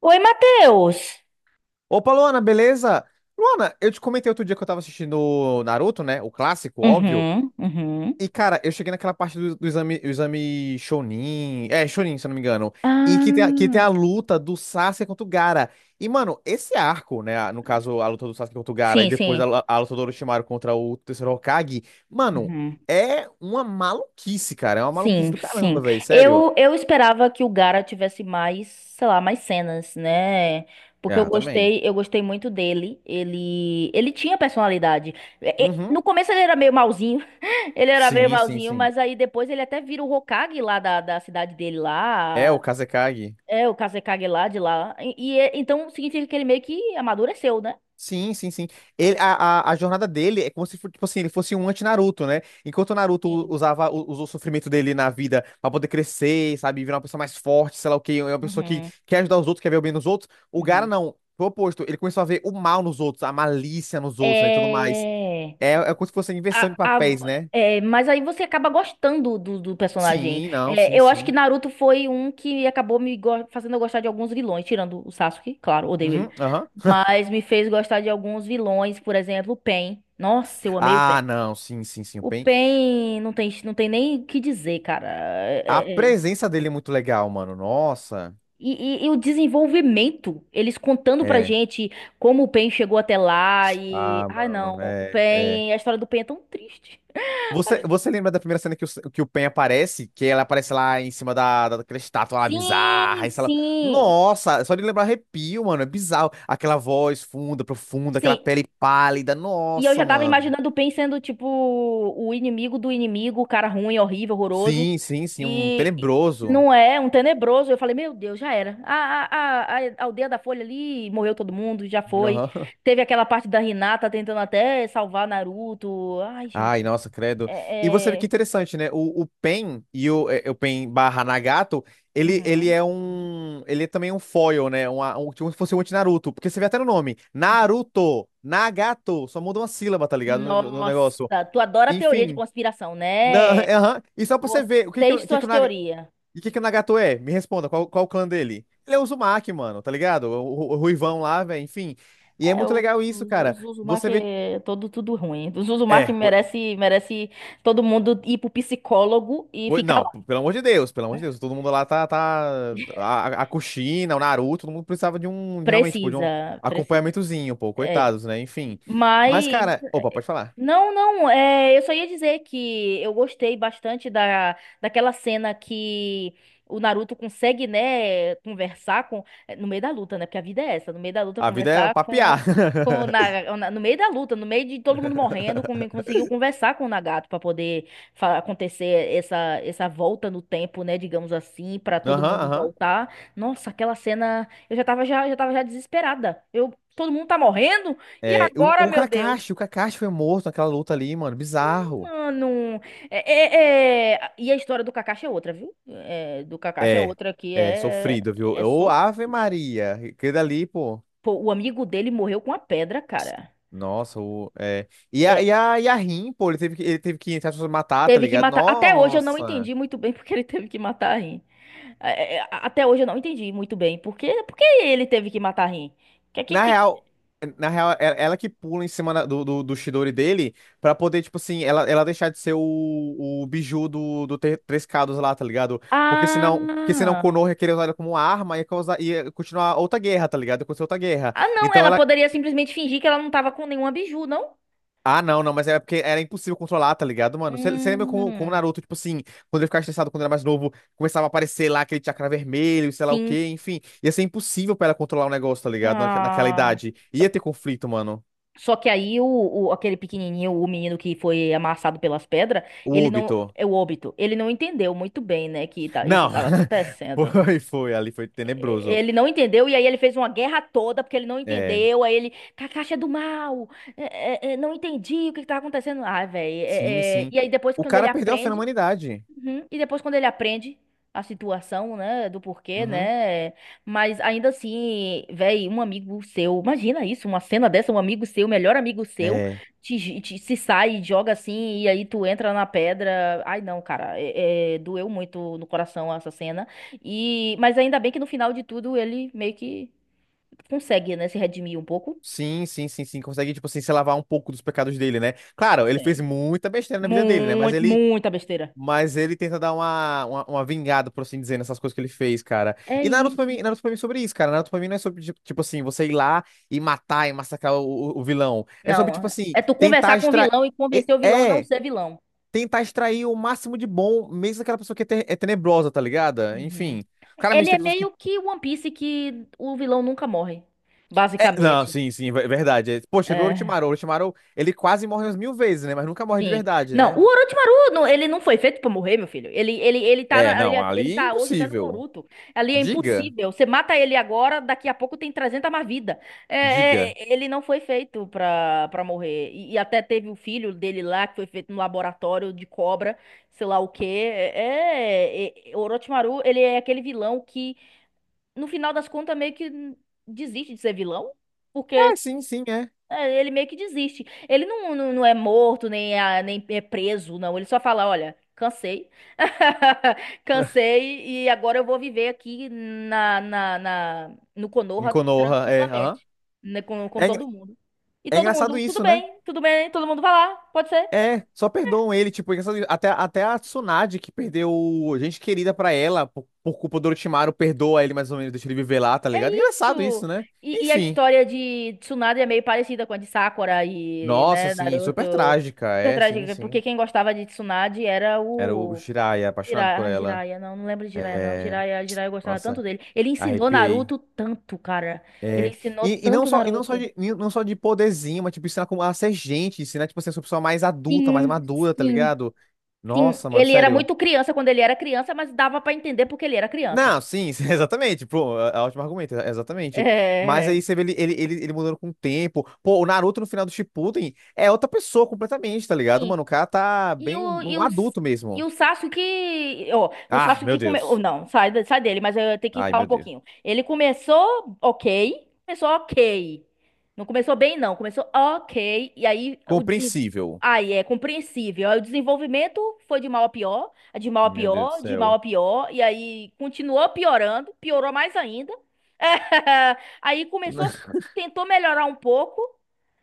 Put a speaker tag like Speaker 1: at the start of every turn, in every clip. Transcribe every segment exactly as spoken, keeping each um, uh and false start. Speaker 1: Oi, Matheus.
Speaker 2: Opa, Luana, beleza? Luana, eu te comentei outro dia que eu tava assistindo Naruto, né? O clássico, óbvio.
Speaker 1: Uhum, uhum.
Speaker 2: E, cara, eu cheguei naquela parte do, do exame, o exame Chunin. É, Chunin, se eu não me engano. E que tem, a- que tem
Speaker 1: Ah,
Speaker 2: a luta do Sasuke contra o Gaara. E, mano, esse arco, né? No caso, a luta do Sasuke contra o Gaara e
Speaker 1: sim,
Speaker 2: depois a,
Speaker 1: sim.
Speaker 2: lu- a luta do Orochimaru contra o terceiro Hokage. Mano,
Speaker 1: Uhum.
Speaker 2: é uma maluquice, cara. É uma maluquice
Speaker 1: Sim,
Speaker 2: do caramba,
Speaker 1: sim.
Speaker 2: velho. Sério.
Speaker 1: Eu, eu esperava que o Gara tivesse mais, sei lá, mais cenas, né? Porque eu
Speaker 2: Ah, eu também.
Speaker 1: gostei, eu gostei muito dele. Ele, ele tinha personalidade. E- e-
Speaker 2: Uhum.
Speaker 1: no começo ele era meio malzinho, ele era meio
Speaker 2: Sim, sim,
Speaker 1: malzinho,
Speaker 2: sim.
Speaker 1: mas aí depois ele até vira o Hokage lá da, da cidade dele
Speaker 2: É, o
Speaker 1: lá.
Speaker 2: Kazekage.
Speaker 1: É, o Kazekage lá de lá. E, e é- então significa que ele meio que amadureceu, né?
Speaker 2: Sim, sim, sim. Ele, a, a, a jornada dele é como se fosse tipo assim, ele fosse um anti-Naruto, né? Enquanto o Naruto
Speaker 1: Sim.
Speaker 2: usava, u- usou o sofrimento dele na vida pra poder crescer, sabe? Virar uma pessoa mais forte, sei lá o quê, é uma pessoa que
Speaker 1: Uhum,
Speaker 2: quer ajudar os outros, quer ver o bem nos outros. O Gaara
Speaker 1: uhum.
Speaker 2: não. Foi o oposto. Ele começou a ver o mal nos outros, a malícia nos outros, né? E tudo mais.
Speaker 1: É,
Speaker 2: É, é como se fosse a inversão de
Speaker 1: a- a-
Speaker 2: papéis, né?
Speaker 1: É, mas aí você acaba gostando do, do personagem.
Speaker 2: Sim, não,
Speaker 1: É,
Speaker 2: sim,
Speaker 1: eu acho que
Speaker 2: sim.
Speaker 1: Naruto foi um que acabou me go- fazendo eu gostar de alguns vilões, tirando o Sasuke, claro, odeio ele.
Speaker 2: Uhum, aham.
Speaker 1: Mas me fez gostar de alguns vilões, por exemplo, o Pain. Nossa, eu amei o Pain.
Speaker 2: Ah, não, sim, sim, sim. O
Speaker 1: O
Speaker 2: Pain.
Speaker 1: Pain não tem, não tem nem o que dizer, cara.
Speaker 2: A
Speaker 1: É, é, é.
Speaker 2: presença dele é muito legal, mano. Nossa.
Speaker 1: E, e- e o desenvolvimento, eles contando pra
Speaker 2: É.
Speaker 1: gente como o Pain chegou até lá e...
Speaker 2: Ah,
Speaker 1: Ai,
Speaker 2: mano,
Speaker 1: não, o
Speaker 2: é, é.
Speaker 1: Pain, a história do Pain é tão triste.
Speaker 2: Você, você lembra da primeira cena que o, que o Pen aparece? Que ela aparece lá em cima da, da, daquela estátua lá bizarra.
Speaker 1: Sim,
Speaker 2: E ela...
Speaker 1: sim,
Speaker 2: Nossa, só de lembrar arrepio, mano. É bizarro. Aquela voz funda, profunda, aquela
Speaker 1: sim.
Speaker 2: pele pálida.
Speaker 1: E eu
Speaker 2: Nossa,
Speaker 1: já tava
Speaker 2: mano.
Speaker 1: imaginando o Pain sendo, tipo, o inimigo do inimigo, o cara ruim, horrível, horroroso.
Speaker 2: Sim, sim, sim. Um
Speaker 1: E e
Speaker 2: tenebroso.
Speaker 1: não é, um tenebroso. Eu falei, meu Deus, já era. A, a, a, a aldeia da Folha ali morreu todo mundo, já foi.
Speaker 2: Aham.
Speaker 1: Teve aquela parte da Hinata tentando até salvar Naruto. Ai,
Speaker 2: Ai,
Speaker 1: gente.
Speaker 2: nossa, credo. E você vê
Speaker 1: É,
Speaker 2: que
Speaker 1: é...
Speaker 2: interessante, né? O, o Pen e o, é, o Pen barra Nagato, ele, ele
Speaker 1: Uhum,
Speaker 2: é
Speaker 1: uhum,
Speaker 2: um. Ele é também um foil, né? Uma, um, tipo se fosse um anti-Naruto. Porque você vê até no nome.
Speaker 1: uhum.
Speaker 2: Naruto, Nagato. Só muda uma sílaba, tá ligado? No, no- no negócio.
Speaker 1: Nossa, tu adora teoria de
Speaker 2: Enfim.
Speaker 1: conspiração,
Speaker 2: Na,
Speaker 1: né?
Speaker 2: aham. E só pra você
Speaker 1: Você
Speaker 2: ver, o que que, o
Speaker 1: e
Speaker 2: o que, que,
Speaker 1: suas
Speaker 2: o, Naga-
Speaker 1: teorias.
Speaker 2: o que que o Nagato é? Me responda, qual, qual o clã dele? Ele é o Uzumaki, mano, tá ligado? O, o, o Ruivão lá, velho, enfim. E é
Speaker 1: É,
Speaker 2: muito legal
Speaker 1: o, o
Speaker 2: isso,
Speaker 1: o
Speaker 2: cara. Você
Speaker 1: Zuzumaki
Speaker 2: vê.
Speaker 1: é todo tudo ruim. O Zuzumaki
Speaker 2: É,
Speaker 1: merece, merece todo mundo ir pro psicólogo e
Speaker 2: Mo-
Speaker 1: ficar
Speaker 2: Não,
Speaker 1: lá.
Speaker 2: p- pelo amor de Deus, pelo amor de Deus, todo mundo lá tá, tá, a, a a Kushina, o Naruto, todo mundo precisava de um, de realmente, pô, de um
Speaker 1: Precisa, precisa.
Speaker 2: acompanhamentozinho, pô,
Speaker 1: É.
Speaker 2: coitados, né, enfim. Mas,
Speaker 1: Mas
Speaker 2: cara, opa, pode falar,
Speaker 1: não, não, é, eu só ia dizer que eu gostei bastante da, daquela cena que o Naruto consegue, né, conversar com, é, no meio da luta, né, porque a vida é essa, no meio da luta
Speaker 2: a vida é
Speaker 1: conversar
Speaker 2: papiar.
Speaker 1: com, com o Na- na- no meio da luta, no meio de todo mundo morrendo, com- conseguiu conversar com o Nagato para poder fa- acontecer essa, essa volta no tempo, né, digamos assim, para todo
Speaker 2: Aham,
Speaker 1: mundo
Speaker 2: aham.
Speaker 1: voltar. Nossa, aquela cena, eu já tava já, já tava já desesperada. Eu, todo mundo tá morrendo e
Speaker 2: É,
Speaker 1: agora,
Speaker 2: o, o
Speaker 1: meu Deus?
Speaker 2: Kakashi, o Kakashi foi morto naquela luta ali, mano, bizarro.
Speaker 1: Mano, é, é- é- e a história do Kakashi é outra, viu? É, do Kakashi é
Speaker 2: É,
Speaker 1: outra que
Speaker 2: é,
Speaker 1: é,
Speaker 2: sofrido, viu?
Speaker 1: é
Speaker 2: Ô, Ave
Speaker 1: sofrida.
Speaker 2: Maria, aquele dali, pô,
Speaker 1: Pô, o amigo dele morreu com a pedra, cara.
Speaker 2: nossa, o, é... E a,
Speaker 1: É,
Speaker 2: e a, e a Rin, pô, ele teve que, ele teve que, entre aspas, matar, tá
Speaker 1: teve que
Speaker 2: ligado?
Speaker 1: matar. Até hoje eu não
Speaker 2: Nossa...
Speaker 1: entendi muito bem porque ele teve que matar a Rin. É, é, a- até hoje eu não entendi muito bem porque, porque ele teve que matar a Rin. Que, que,
Speaker 2: Na
Speaker 1: que...
Speaker 2: real, na real, é- ela que pula em cima da- do, do, do Chidori dele pra poder, tipo assim, ela, ela deixar de ser o, o biju do, do Tre- Três Cados lá, tá ligado? Porque senão, porque senão o
Speaker 1: Ah!
Speaker 2: Konoha queria usar ela como arma e ia, causar, ia continuar outra guerra, tá ligado? Ia acontecer outra guerra.
Speaker 1: Ah, não,
Speaker 2: Então
Speaker 1: ela
Speaker 2: ela.
Speaker 1: poderia simplesmente fingir que ela não tava com nenhuma biju, não?
Speaker 2: Ah, não, não, mas é porque era impossível controlar, tá ligado, mano? Você lembra
Speaker 1: Hum,
Speaker 2: como, como o Naruto, tipo assim, quando ele ficava estressado quando era mais novo, começava a aparecer lá aquele chakra vermelho, sei lá o
Speaker 1: sim.
Speaker 2: quê, enfim. Ia ser impossível pra ela controlar o negócio, tá ligado? Naque- Naquela
Speaker 1: Ah.
Speaker 2: idade. Ia ter conflito, mano.
Speaker 1: Só que aí o, o- aquele pequenininho, o menino que foi amassado pelas pedras,
Speaker 2: O
Speaker 1: ele não,
Speaker 2: Obito.
Speaker 1: é o óbito, ele não entendeu muito bem, né, que tá- isso
Speaker 2: Não,
Speaker 1: estava acontecendo.
Speaker 2: foi, foi, ali foi
Speaker 1: Eh,
Speaker 2: tenebroso.
Speaker 1: Ele não entendeu e aí ele fez uma guerra toda porque ele não
Speaker 2: É,
Speaker 1: entendeu. Aí ele, Kakashi é do mal, eh, eh, eh, não entendi o que que tá acontecendo. Ai,
Speaker 2: sim,
Speaker 1: velho.
Speaker 2: sim.
Speaker 1: E aí depois
Speaker 2: O
Speaker 1: quando ele
Speaker 2: cara perdeu a fé na
Speaker 1: aprende.
Speaker 2: humanidade.
Speaker 1: Uhum. E depois, quando ele aprende a situação, né, do porquê,
Speaker 2: Uhum.
Speaker 1: né? Mas ainda assim, véi, um amigo seu, imagina isso, uma cena dessa, um amigo seu, melhor amigo seu,
Speaker 2: É.
Speaker 1: te, j- te- se sai e joga assim, e aí tu entra na pedra. Ai, não, cara, é- é, doeu muito no coração essa cena. E, mas ainda bem que no final de tudo ele meio que consegue, né, se redimir um pouco.
Speaker 2: Sim, sim, sim, sim. Consegue, tipo assim, se lavar um pouco dos pecados dele, né? Claro, ele fez
Speaker 1: Consegue.
Speaker 2: muita besteira na vida dele, né? Mas
Speaker 1: Muito,
Speaker 2: ele,
Speaker 1: muita besteira.
Speaker 2: mas ele tenta dar uma, uma, uma vingada, por assim dizer, nessas coisas que ele fez, cara.
Speaker 1: É
Speaker 2: E Naruto pra
Speaker 1: isso.
Speaker 2: mim, Naruto pra mim é sobre isso, cara. Naruto pra mim não é sobre, tipo tipo assim, você ir lá e matar e massacrar o, o o vilão. É sobre, tipo
Speaker 1: Não,
Speaker 2: assim,
Speaker 1: é tu
Speaker 2: tentar
Speaker 1: conversar com o
Speaker 2: extrair.
Speaker 1: vilão e
Speaker 2: É,
Speaker 1: convencer o vilão a não
Speaker 2: é,
Speaker 1: ser vilão.
Speaker 2: tentar extrair o máximo de bom, mesmo daquela pessoa que é, te- é tenebrosa, tá ligada?
Speaker 1: Uhum.
Speaker 2: Enfim,
Speaker 1: Ele
Speaker 2: claramente
Speaker 1: é
Speaker 2: tem pessoas que.
Speaker 1: meio que One Piece que o vilão nunca morre,
Speaker 2: É, não,
Speaker 1: basicamente.
Speaker 2: sim, sim, é verdade. É, poxa, vê o
Speaker 1: É,
Speaker 2: Orochimaru. O Orochimaru, ele quase morre umas mil vezes, né? Mas nunca morre de
Speaker 1: enfim.
Speaker 2: verdade,
Speaker 1: Não, o
Speaker 2: né?
Speaker 1: Orochimaru, não, ele não foi feito pra morrer, meu filho. Ele, ele, ele tá
Speaker 2: É,
Speaker 1: na- ele,
Speaker 2: não,
Speaker 1: ele
Speaker 2: ali é
Speaker 1: tá hoje até no
Speaker 2: impossível.
Speaker 1: Boruto. Ali é
Speaker 2: Diga,
Speaker 1: impossível. Você mata ele agora, daqui a pouco tem trezentos mais vida. É,
Speaker 2: diga.
Speaker 1: é, ele não foi feito pra, pra morrer. E, e até teve o filho dele lá, que foi feito no laboratório de cobra, sei lá o quê. É, é, é, Orochimaru, ele é aquele vilão que no final das contas, meio que desiste de ser vilão, porque
Speaker 2: É, sim, sim, é.
Speaker 1: é, ele meio que desiste. Ele não, não, não é morto, nem é, nem é preso, não. Ele só fala, olha, cansei, cansei e agora eu vou viver aqui na, na, na- no
Speaker 2: Em
Speaker 1: Konoha
Speaker 2: Konoha, é, aham.
Speaker 1: tranquilamente, né, com, com
Speaker 2: É, engra-
Speaker 1: todo mundo. E
Speaker 2: é
Speaker 1: todo
Speaker 2: engraçado
Speaker 1: mundo, tudo
Speaker 2: isso, né?
Speaker 1: bem, tudo bem, todo mundo vai lá, pode ser.
Speaker 2: É, só perdoam ele, tipo, engraçado, até, até a Tsunade, que perdeu gente querida pra ela, por, por culpa do Orochimaru, perdoa ele mais ou menos, deixa ele viver lá, tá
Speaker 1: É
Speaker 2: ligado? Engraçado
Speaker 1: isso!
Speaker 2: isso, né?
Speaker 1: E, e a
Speaker 2: Enfim.
Speaker 1: história de Tsunade é meio parecida com a de Sakura e,
Speaker 2: Nossa,
Speaker 1: né,
Speaker 2: sim,
Speaker 1: Naruto.
Speaker 2: super trágica,
Speaker 1: Super
Speaker 2: é, sim,
Speaker 1: trágica, porque
Speaker 2: sim.
Speaker 1: quem gostava de Tsunade era
Speaker 2: Era o
Speaker 1: o
Speaker 2: Jiraiya, apaixonado
Speaker 1: Jiraiya.
Speaker 2: por
Speaker 1: Ah,
Speaker 2: ela.
Speaker 1: Jiraiya, não, não lembro de Jiraiya, não.
Speaker 2: É,
Speaker 1: Jiraiya, Jiraiya eu gostava tanto
Speaker 2: nossa,
Speaker 1: dele. Ele ensinou
Speaker 2: arrepiei.
Speaker 1: Naruto tanto, cara.
Speaker 2: É,
Speaker 1: Ele ensinou
Speaker 2: e, e não
Speaker 1: tanto
Speaker 2: só, e não só
Speaker 1: Naruto.
Speaker 2: de, e não só de poderzinho, mas, tipo, ensinar como a ser gente, ensinar, tipo, assim, a ser uma pessoa mais adulta, mais
Speaker 1: Sim,
Speaker 2: madura, tá
Speaker 1: sim,
Speaker 2: ligado?
Speaker 1: sim.
Speaker 2: Nossa, mano,
Speaker 1: Ele era
Speaker 2: sério.
Speaker 1: muito criança quando ele era criança, mas dava pra entender porque ele era criança.
Speaker 2: Não, sim, sim, exatamente. Pô, é é ótimo argumento, é- exatamente. Mas aí
Speaker 1: É.
Speaker 2: você vê ele, ele, ele, ele mudando com o tempo. Pô, o Naruto no final do Shippuden é outra pessoa completamente, tá ligado,
Speaker 1: Sim.
Speaker 2: mano? O cara tá
Speaker 1: E
Speaker 2: bem
Speaker 1: o, e
Speaker 2: um
Speaker 1: o,
Speaker 2: adulto
Speaker 1: e
Speaker 2: mesmo.
Speaker 1: o Sasuke, ó, o
Speaker 2: Ah, meu
Speaker 1: Sasuke começou,
Speaker 2: Deus.
Speaker 1: não, sai, da- sai dele, mas eu tenho que
Speaker 2: Ai,
Speaker 1: falar um
Speaker 2: meu Deus.
Speaker 1: pouquinho. Ele começou ok, começou ok. Não começou bem, não, começou ok, e aí o desen...
Speaker 2: Compreensível.
Speaker 1: Aí é compreensível. Aí o desenvolvimento foi de mal a pior, de mal a
Speaker 2: Meu Deus do
Speaker 1: pior, de mal
Speaker 2: céu.
Speaker 1: a pior, e aí continuou piorando, piorou mais ainda. Aí começou, tentou melhorar um pouco,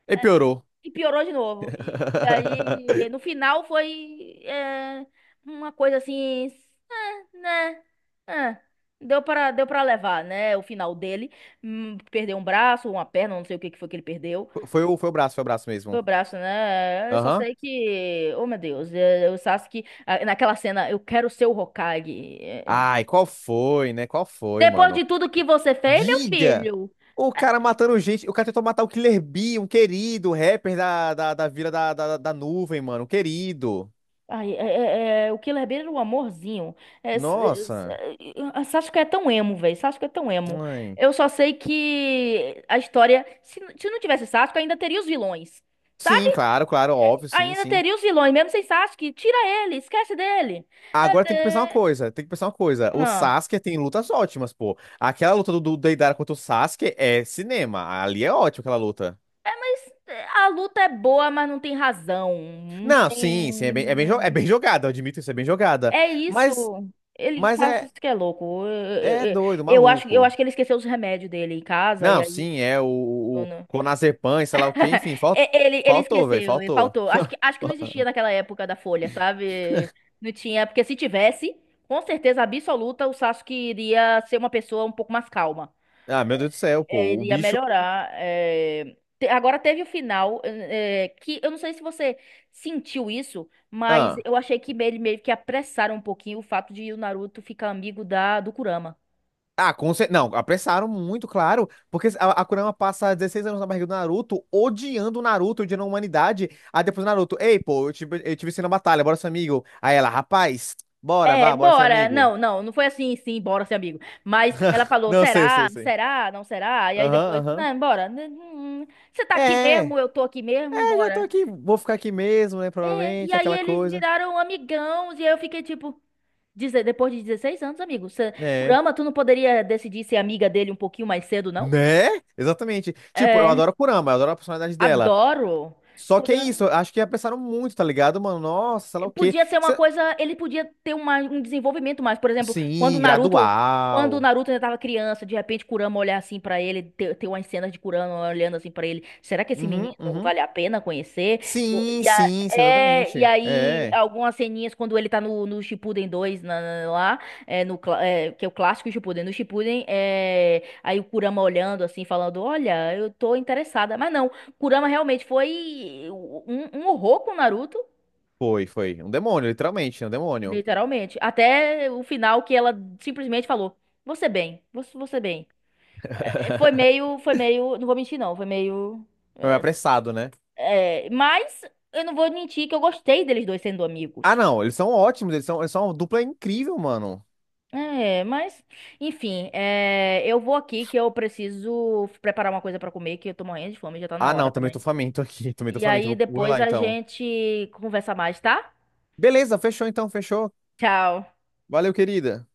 Speaker 2: E piorou.
Speaker 1: e piorou de novo. E, e aí, no final, foi é, uma coisa assim, né? Ah, deu para deu para levar, né? O final dele. Hum, Perdeu um braço, uma perna, não sei o que que foi que ele perdeu.
Speaker 2: Foi o, foi o braço, foi o braço
Speaker 1: Foi o
Speaker 2: mesmo.
Speaker 1: braço, né? Eu só
Speaker 2: Aham.
Speaker 1: sei que. Oh, meu Deus. é, O Sasuke, ah, naquela cena, eu quero ser o Hokage. É, é.
Speaker 2: Ai, qual foi, né? Qual foi,
Speaker 1: Depois
Speaker 2: mano?
Speaker 1: de tudo que você fez, meu
Speaker 2: Diga!
Speaker 1: filho.
Speaker 2: O cara matando gente. O cara tentou matar o Killer Bee, um querido rapper da, da, da Vila da, da, da Nuvem, mano. Um querido.
Speaker 1: Ai, é, é- é, é, o Killer Bear era um amorzinho. É, s- é, s-
Speaker 2: Nossa.
Speaker 1: é, Sasuke é tão emo, velho. Sasuke é tão emo.
Speaker 2: Ai.
Speaker 1: Eu só sei que a história. Se, n- se não tivesse Sasuke, ainda teria os vilões. Sabe?
Speaker 2: Sim, claro, claro, óbvio, sim,
Speaker 1: Ainda
Speaker 2: sim.
Speaker 1: teria os vilões, mesmo sem Sasuke. Tira ele, esquece dele.
Speaker 2: Agora
Speaker 1: É,
Speaker 2: tem que pensar uma
Speaker 1: é,
Speaker 2: coisa, tem que pensar uma coisa. O
Speaker 1: ah.
Speaker 2: Sasuke tem lutas ótimas, pô. Aquela luta do, do Deidara contra o Sasuke é cinema. Ali é ótimo aquela luta.
Speaker 1: É, mas é, a luta é boa, mas não tem razão. Não
Speaker 2: Não, sim, sim, é bem, é bem, jo- é
Speaker 1: tem.
Speaker 2: bem jogada, eu admito isso, é bem jogada.
Speaker 1: É isso.
Speaker 2: Mas,
Speaker 1: Ele,
Speaker 2: mas é,
Speaker 1: Sasuke é louco. Eu, eu-
Speaker 2: é
Speaker 1: eu-
Speaker 2: doido,
Speaker 1: eu acho, eu
Speaker 2: maluco.
Speaker 1: acho que ele esqueceu os remédios dele em casa, e
Speaker 2: Não,
Speaker 1: aí.
Speaker 2: sim, é o, o clonazepam, e sei lá o quê, enfim, fal-
Speaker 1: E, Ele, ele
Speaker 2: faltou, velho,
Speaker 1: esqueceu, ele
Speaker 2: faltou.
Speaker 1: faltou. Acho que, acho que não existia naquela época da Folha, sabe? Não tinha, porque se tivesse, com certeza absoluta, o Sasuke iria ser uma pessoa um pouco mais calma.
Speaker 2: Ah, meu Deus do céu,
Speaker 1: É,
Speaker 2: pô, o
Speaker 1: ele
Speaker 2: bicho.
Speaker 1: melhorar. É. Te- Agora teve o final, é, é, que eu não sei se você sentiu isso, mas
Speaker 2: Ah,
Speaker 1: eu achei que ele meio que apressaram um pouquinho o fato de o Naruto ficar amigo da, do Kurama.
Speaker 2: ah com cer- não, apressaram muito, claro, porque a, a Kurama passa dezesseis anos na barriga do Naruto, odiando o Naruto, odiando a humanidade. Aí depois o Naruto, ei, pô, eu te, eu te venci na batalha, bora ser amigo. Aí ela, rapaz, bora,
Speaker 1: É,
Speaker 2: vá, bora ser
Speaker 1: bora.
Speaker 2: amigo.
Speaker 1: Não, não, não foi assim, sim, bora ser amigo. Mas ela falou,
Speaker 2: Não, eu sei, eu sei,
Speaker 1: será?
Speaker 2: eu sei.
Speaker 1: Será? Não será? E aí depois,
Speaker 2: Aham, aham.
Speaker 1: não, bora. N- n- Você tá
Speaker 2: É,
Speaker 1: aqui mesmo? Eu tô aqui mesmo?
Speaker 2: é, já tô
Speaker 1: Bora.
Speaker 2: aqui, vou ficar aqui mesmo, né,
Speaker 1: É, e
Speaker 2: provavelmente,
Speaker 1: aí
Speaker 2: aquela
Speaker 1: eles
Speaker 2: coisa.
Speaker 1: viraram amigãos e eu fiquei tipo, deze- depois de dezesseis anos, amigo, você,
Speaker 2: Né?
Speaker 1: Kurama, tu não poderia decidir ser amiga dele um pouquinho mais cedo, não?
Speaker 2: Né? Exatamente. Tipo, eu adoro
Speaker 1: É,
Speaker 2: a Kurama, eu adoro a personalidade dela.
Speaker 1: adoro.
Speaker 2: Só que é isso, eu acho que apressaram muito, tá ligado, mano? Nossa, sei lá o quê.
Speaker 1: Podia ser uma
Speaker 2: Se-
Speaker 1: coisa, ele podia ter uma- um desenvolvimento mais. Por exemplo, quando o
Speaker 2: Sim,
Speaker 1: Naruto, quando o
Speaker 2: gradual.
Speaker 1: Naruto ainda tava criança, de repente Kurama olhar assim pra ele, ter, ter umas cenas de Kurama olhando assim pra ele, será que esse menino
Speaker 2: Uhum, uhum.
Speaker 1: vale a pena conhecer?
Speaker 2: Sim, sim,
Speaker 1: E, a-
Speaker 2: sim,
Speaker 1: é, e
Speaker 2: exatamente.
Speaker 1: aí
Speaker 2: É.
Speaker 1: algumas ceninhas quando ele tá no, no Shippuden dois na- na- lá, é, no, clá- é, que é o clássico Shippuden, no Shippuden, é, aí o Kurama olhando assim, falando, olha, eu tô interessada, mas não, Kurama realmente foi um, um horror com o Naruto.
Speaker 2: Foi, foi. Um demônio, literalmente, um demônio.
Speaker 1: Literalmente. Até o final que ela simplesmente falou: "Você bem, você, você bem". É, foi meio, foi meio, não vou mentir não, foi meio
Speaker 2: Foi apressado, né?
Speaker 1: é, é, mas eu não vou mentir que eu gostei deles dois sendo
Speaker 2: Ah,
Speaker 1: amigos.
Speaker 2: não, eles são ótimos, eles são, eles são uma dupla incrível, mano.
Speaker 1: É, mas enfim, é, eu vou aqui que eu preciso preparar uma coisa pra comer, que eu tô morrendo de fome, já tá na
Speaker 2: Ah,
Speaker 1: hora
Speaker 2: não, também tô
Speaker 1: também.
Speaker 2: faminto aqui, também tô
Speaker 1: E
Speaker 2: faminto.
Speaker 1: aí
Speaker 2: Vou, vou
Speaker 1: depois
Speaker 2: lá
Speaker 1: a
Speaker 2: então.
Speaker 1: gente conversa mais, tá?
Speaker 2: Beleza, fechou então, fechou.
Speaker 1: Tchau.
Speaker 2: Valeu, querida.